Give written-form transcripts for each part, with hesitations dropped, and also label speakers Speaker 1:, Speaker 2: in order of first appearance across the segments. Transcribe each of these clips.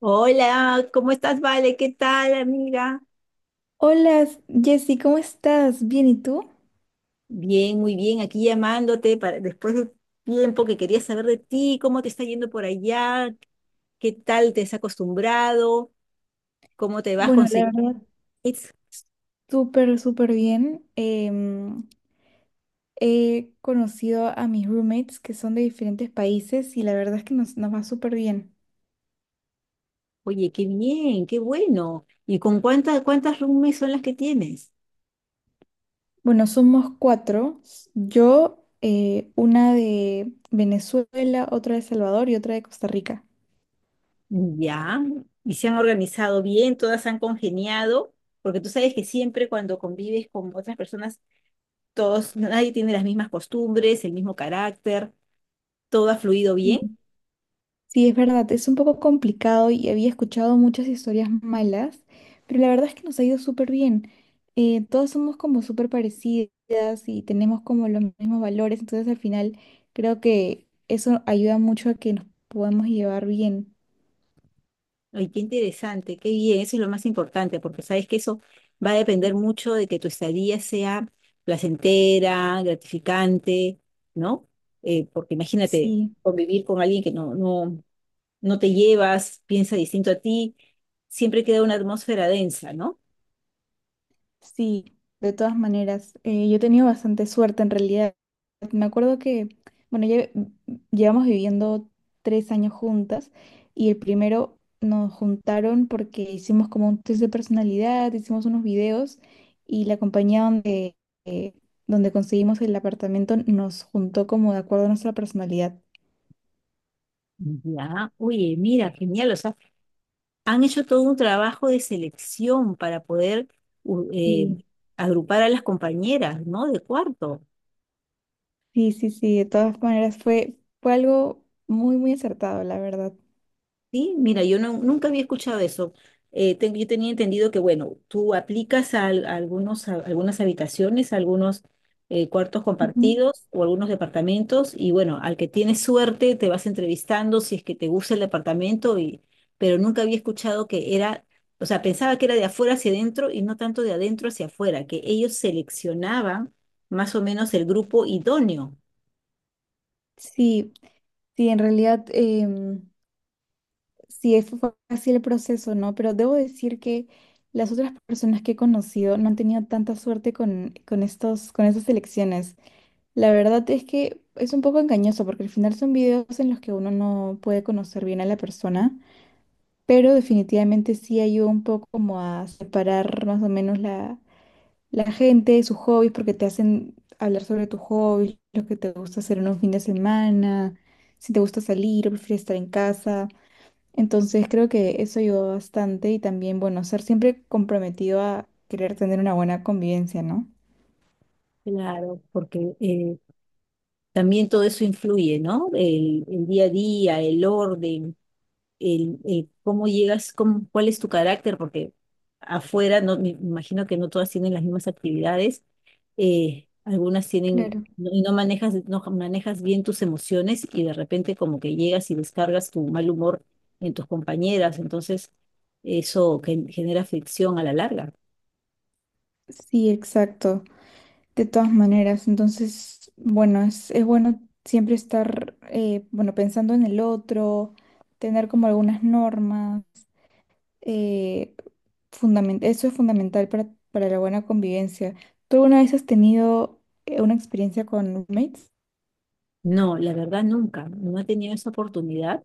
Speaker 1: Hola, ¿cómo estás, Vale? ¿Qué tal, amiga?
Speaker 2: Hola, Jessy, ¿cómo estás? Bien, ¿y tú?
Speaker 1: Bien, muy bien, aquí llamándote para después de tiempo que quería saber de ti, cómo te está yendo por allá, qué tal te has acostumbrado, cómo te vas a
Speaker 2: Bueno, la
Speaker 1: conseguir.
Speaker 2: verdad, súper, súper bien. He conocido a mis roommates que son de diferentes países y la verdad es que nos va súper bien.
Speaker 1: Oye, qué bien, qué bueno. ¿Y con cuántas roomies son las que tienes?
Speaker 2: Bueno, somos cuatro. Yo, una de Venezuela, otra de Salvador y otra de Costa Rica.
Speaker 1: Ya, y se han organizado bien, todas han congeniado, porque tú sabes que siempre cuando convives con otras personas, todos, nadie tiene las mismas costumbres, el mismo carácter, todo ha fluido bien.
Speaker 2: Sí, es verdad, es un poco complicado y había escuchado muchas historias malas, pero la verdad es que nos ha ido súper bien. Todas somos como súper parecidas y tenemos como los mismos valores, entonces al final creo que eso ayuda mucho a que nos podamos llevar bien.
Speaker 1: Ay, qué interesante, qué bien, eso es lo más importante, porque sabes que eso va a depender mucho de que tu estadía sea placentera, gratificante, ¿no? Porque imagínate,
Speaker 2: Sí.
Speaker 1: convivir con alguien que no, no te llevas, piensa distinto a ti, siempre queda una atmósfera densa, ¿no?
Speaker 2: Sí, de todas maneras, yo he tenido bastante suerte en realidad. Me acuerdo que, bueno, llevamos viviendo 3 años juntas y el primero nos juntaron porque hicimos como un test de personalidad, hicimos unos videos y la compañía eh, donde conseguimos el apartamento nos juntó como de acuerdo a nuestra personalidad.
Speaker 1: Ya, oye, mira, genial, o sea, han hecho todo un trabajo de selección para poder u- eh,
Speaker 2: Sí,
Speaker 1: agrupar a las compañeras, ¿no? De cuarto.
Speaker 2: sí, sí, sí, de todas maneras fue algo muy, muy acertado, la verdad.
Speaker 1: Sí, mira, yo no, nunca había escuchado eso. Yo tenía entendido que, bueno, tú aplicas a algunos, a algunas habitaciones, a algunos cuartos
Speaker 2: Ujú.
Speaker 1: compartidos o algunos departamentos y, bueno, al que tienes suerte te vas entrevistando si es que te gusta el departamento, y, pero nunca había escuchado que era, o sea, pensaba que era de afuera hacia adentro y no tanto de adentro hacia afuera, que ellos seleccionaban más o menos el grupo idóneo.
Speaker 2: Sí. Sí, en realidad, sí fue así el proceso, ¿no? Pero debo decir que las otras personas que he conocido no han tenido tanta suerte con estos, con estas elecciones. La verdad es que es un poco engañoso porque al final son videos en los que uno no puede conocer bien a la persona, pero definitivamente sí ayuda un poco como a separar más o menos la gente, sus hobbies, porque te hacen hablar sobre tus hobbies, lo que te gusta hacer en un fin de semana, si te gusta salir o prefieres estar en casa. Entonces creo que eso ayudó bastante y también, bueno, ser siempre comprometido a querer tener una buena convivencia, ¿no?
Speaker 1: Claro, porque también todo eso influye, ¿no? El día a día, el orden, el cómo llegas, cuál es tu carácter, porque afuera no, me imagino que no todas tienen las mismas actividades, algunas tienen,
Speaker 2: Claro.
Speaker 1: y no manejas, no manejas bien tus emociones y de repente como que llegas y descargas tu mal humor en tus compañeras, entonces eso genera fricción a la larga.
Speaker 2: Sí, exacto. De todas maneras, entonces, bueno, es bueno siempre estar, bueno, pensando en el otro, tener como algunas normas. eh, Eso es fundamental para la buena convivencia. ¿Tú alguna vez has tenido una experiencia con roommates?
Speaker 1: No, la verdad nunca, no he tenido esa oportunidad,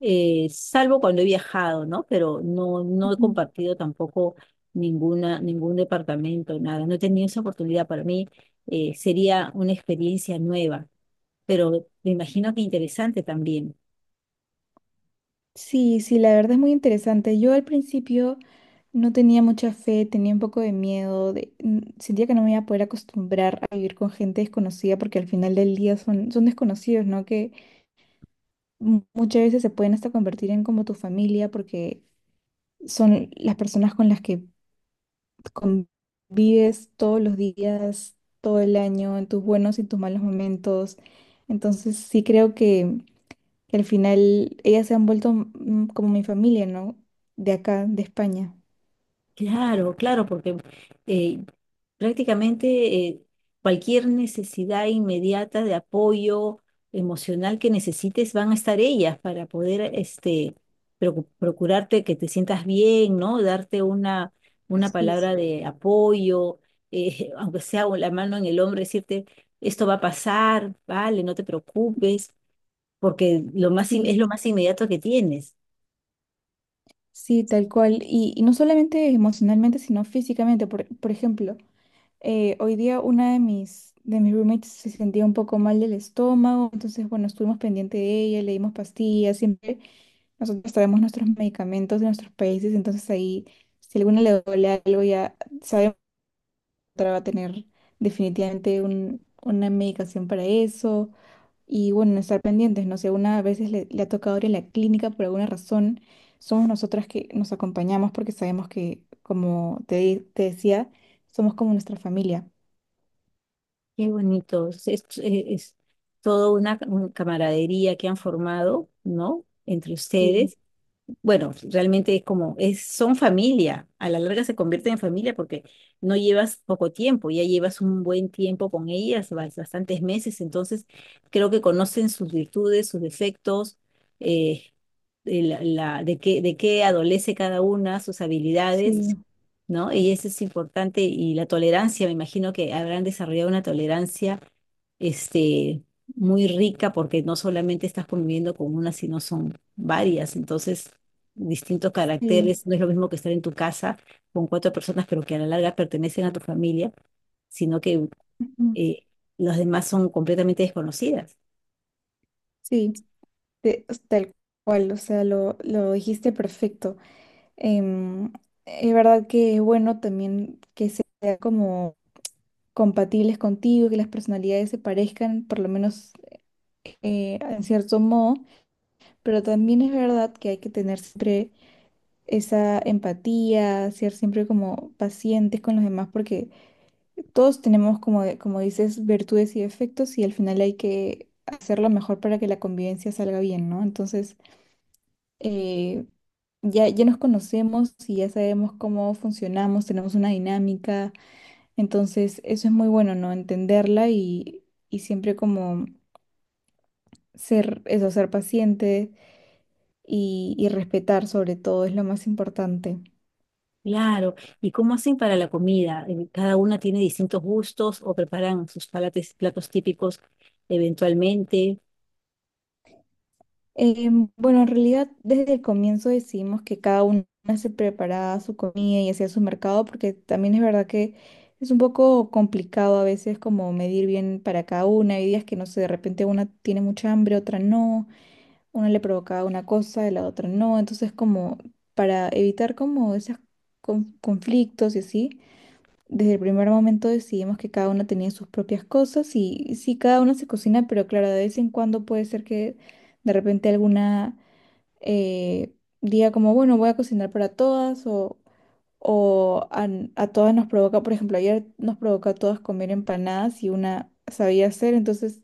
Speaker 1: salvo cuando he viajado, ¿no? Pero no, no he compartido tampoco ninguna, ningún departamento, nada. No he tenido esa oportunidad. Para mí sería una experiencia nueva, pero me imagino que interesante también.
Speaker 2: Sí, sí, la verdad es muy interesante. Yo al principio no tenía mucha fe, tenía un poco de miedo, sentía que no me iba a poder acostumbrar a vivir con gente desconocida porque al final del día son desconocidos, ¿no? Que muchas veces se pueden hasta convertir en como tu familia porque son las personas con las que convives todos los días, todo el año, en tus buenos y tus malos momentos. Entonces sí creo que al final ellas se han vuelto mm, como mi familia, ¿no? De acá, de España.
Speaker 1: Claro, claro, porque eh, prácticamente cualquier necesidad inmediata de apoyo emocional que necesites van a estar ellas para poder este, procurarte que te sientas bien, ¿no? Darte una
Speaker 2: Sí,
Speaker 1: palabra de apoyo, aunque sea la mano en el hombro, decirte, esto va a pasar, vale, no te preocupes, porque lo más,
Speaker 2: sí,
Speaker 1: es lo más inmediato que tienes.
Speaker 2: sí, tal cual. Y no solamente emocionalmente, sino físicamente. Por ejemplo, hoy día una de de mis roommates se sentía un poco mal del estómago, entonces, bueno, estuvimos pendiente de ella, le dimos pastillas, siempre nosotros traemos nuestros medicamentos de nuestros países, entonces ahí, si alguna le duele algo, ya sabemos que otra va a tener definitivamente una medicación para eso. Y bueno, estar pendientes, no sé, una a veces le ha tocado ir a la clínica por alguna razón, somos nosotras que nos acompañamos porque sabemos que, como te decía, somos como nuestra familia.
Speaker 1: Qué bonito. Es toda una camaradería que han formado, ¿no? Entre
Speaker 2: Sí,
Speaker 1: ustedes bueno, realmente es como, es, son familia, a la larga se convierten en familia porque no llevas poco tiempo, ya llevas un buen tiempo con ellas, bastantes meses, entonces creo que conocen sus virtudes, sus defectos, eh, de, la, de qué adolece cada una, sus habilidades,
Speaker 2: sí,
Speaker 1: ¿no? Y eso es importante y la tolerancia, me imagino que habrán desarrollado una tolerancia este, muy rica porque no solamente estás conviviendo con una, sino son varias. Entonces, distintos
Speaker 2: sí,
Speaker 1: caracteres, no es lo mismo que estar en tu casa con cuatro personas, pero que a la larga pertenecen a tu familia, sino que
Speaker 2: ujú,
Speaker 1: eh, las demás son completamente desconocidas.
Speaker 2: sí, tal cual, o sea, lo dijiste perfecto. Em, es verdad que es bueno también que sean como compatibles contigo, que las personalidades se parezcan, por lo menos en cierto modo. Pero también es verdad que hay que tener siempre esa empatía, ser siempre como pacientes con los demás, porque todos tenemos, como, como dices, virtudes y defectos y al final hay que hacer lo mejor para que la convivencia salga bien, ¿no? Entonces, eh, ya, ya nos conocemos y ya sabemos cómo funcionamos, tenemos una dinámica, entonces eso es muy bueno, ¿no? Entenderla y siempre como ser, eso, ser paciente y respetar sobre todo es lo más importante.
Speaker 1: Claro, ¿y cómo hacen para la comida? ¿Cada una tiene distintos gustos o preparan sus platos típicos eventualmente?
Speaker 2: Bueno, en realidad desde el comienzo decidimos que cada una se preparaba su comida y hacía su mercado porque también es verdad que es un poco complicado a veces como medir bien para cada una. Hay días que no sé, de repente una tiene mucha hambre, otra no, una le provocaba una cosa y la otra no. Entonces como para evitar como esos conflictos y así. Desde el primer momento decidimos que cada una tenía sus propias cosas y sí, cada una se cocina, pero claro, de vez en cuando puede ser que de repente alguna eh, diga como, bueno, voy a cocinar para todas o a, a todas nos provoca, por ejemplo, ayer nos provocó a todas comer empanadas y una sabía hacer, entonces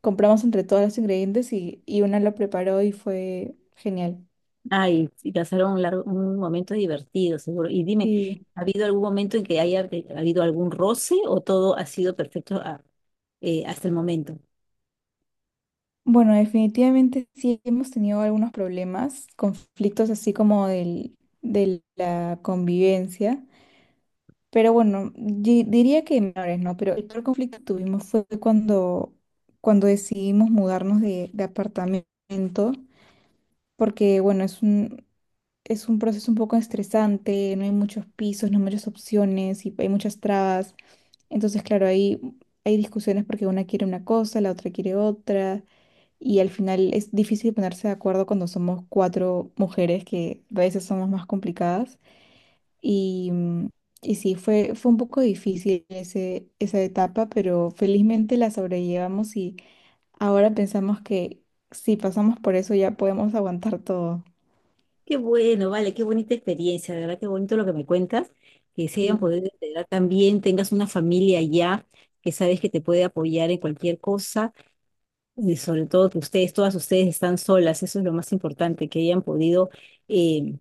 Speaker 2: compramos entre todas los ingredientes y una lo preparó y fue genial.
Speaker 1: Ay, sí, pasaron un largo, un momento divertido, seguro. Y dime,
Speaker 2: Sí.
Speaker 1: ¿ha habido algún momento en que haya habido algún roce o todo ha sido perfecto hasta el momento?
Speaker 2: Bueno, definitivamente sí hemos tenido algunos problemas, conflictos así como de la convivencia, pero bueno, diría que menores, ¿no? Pero el peor conflicto que tuvimos fue cuando decidimos mudarnos de apartamento, porque bueno, es un proceso un poco estresante, no hay muchos pisos, no hay muchas opciones y hay muchas trabas. Entonces, claro, ahí hay discusiones porque una quiere una cosa, la otra quiere otra. Y al final es difícil ponerse de acuerdo cuando somos cuatro mujeres que a veces somos más complicadas. Y, mm, y sí, fue un poco difícil esa etapa, pero felizmente la sobrellevamos y ahora pensamos que si pasamos por eso ya podemos aguantar todo.
Speaker 1: Qué bueno, vale, qué bonita experiencia, de verdad, qué bonito lo que me cuentas, que se hayan
Speaker 2: Sí,
Speaker 1: podido integrar también, tengas una familia allá que sabes que te puede apoyar en cualquier cosa, y sobre todo que ustedes, todas ustedes están solas, eso es lo más importante, que hayan podido eh,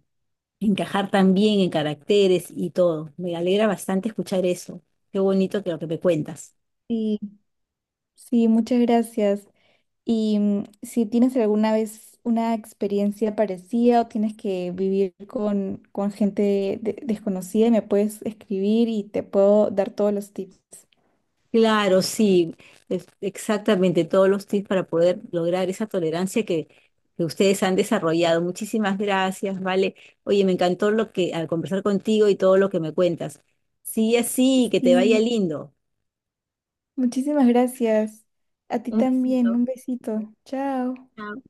Speaker 1: encajar también en caracteres y todo. Me alegra bastante escuchar eso. Qué bonito que lo que me cuentas.
Speaker 2: sí, sí, muchas gracias. Y mm, si tienes alguna vez una experiencia parecida o tienes que vivir con gente desconocida, me puedes escribir y te puedo dar todos los tips.
Speaker 1: Claro, sí, exactamente todos los tips para poder lograr esa tolerancia que ustedes han desarrollado. Muchísimas gracias, vale. Oye, me encantó lo que al conversar contigo y todo lo que me cuentas. Sigue así, que te vaya
Speaker 2: Sí,
Speaker 1: lindo.
Speaker 2: muchísimas gracias. A ti
Speaker 1: Un
Speaker 2: también,
Speaker 1: besito.
Speaker 2: un besito. Chao.
Speaker 1: Chao.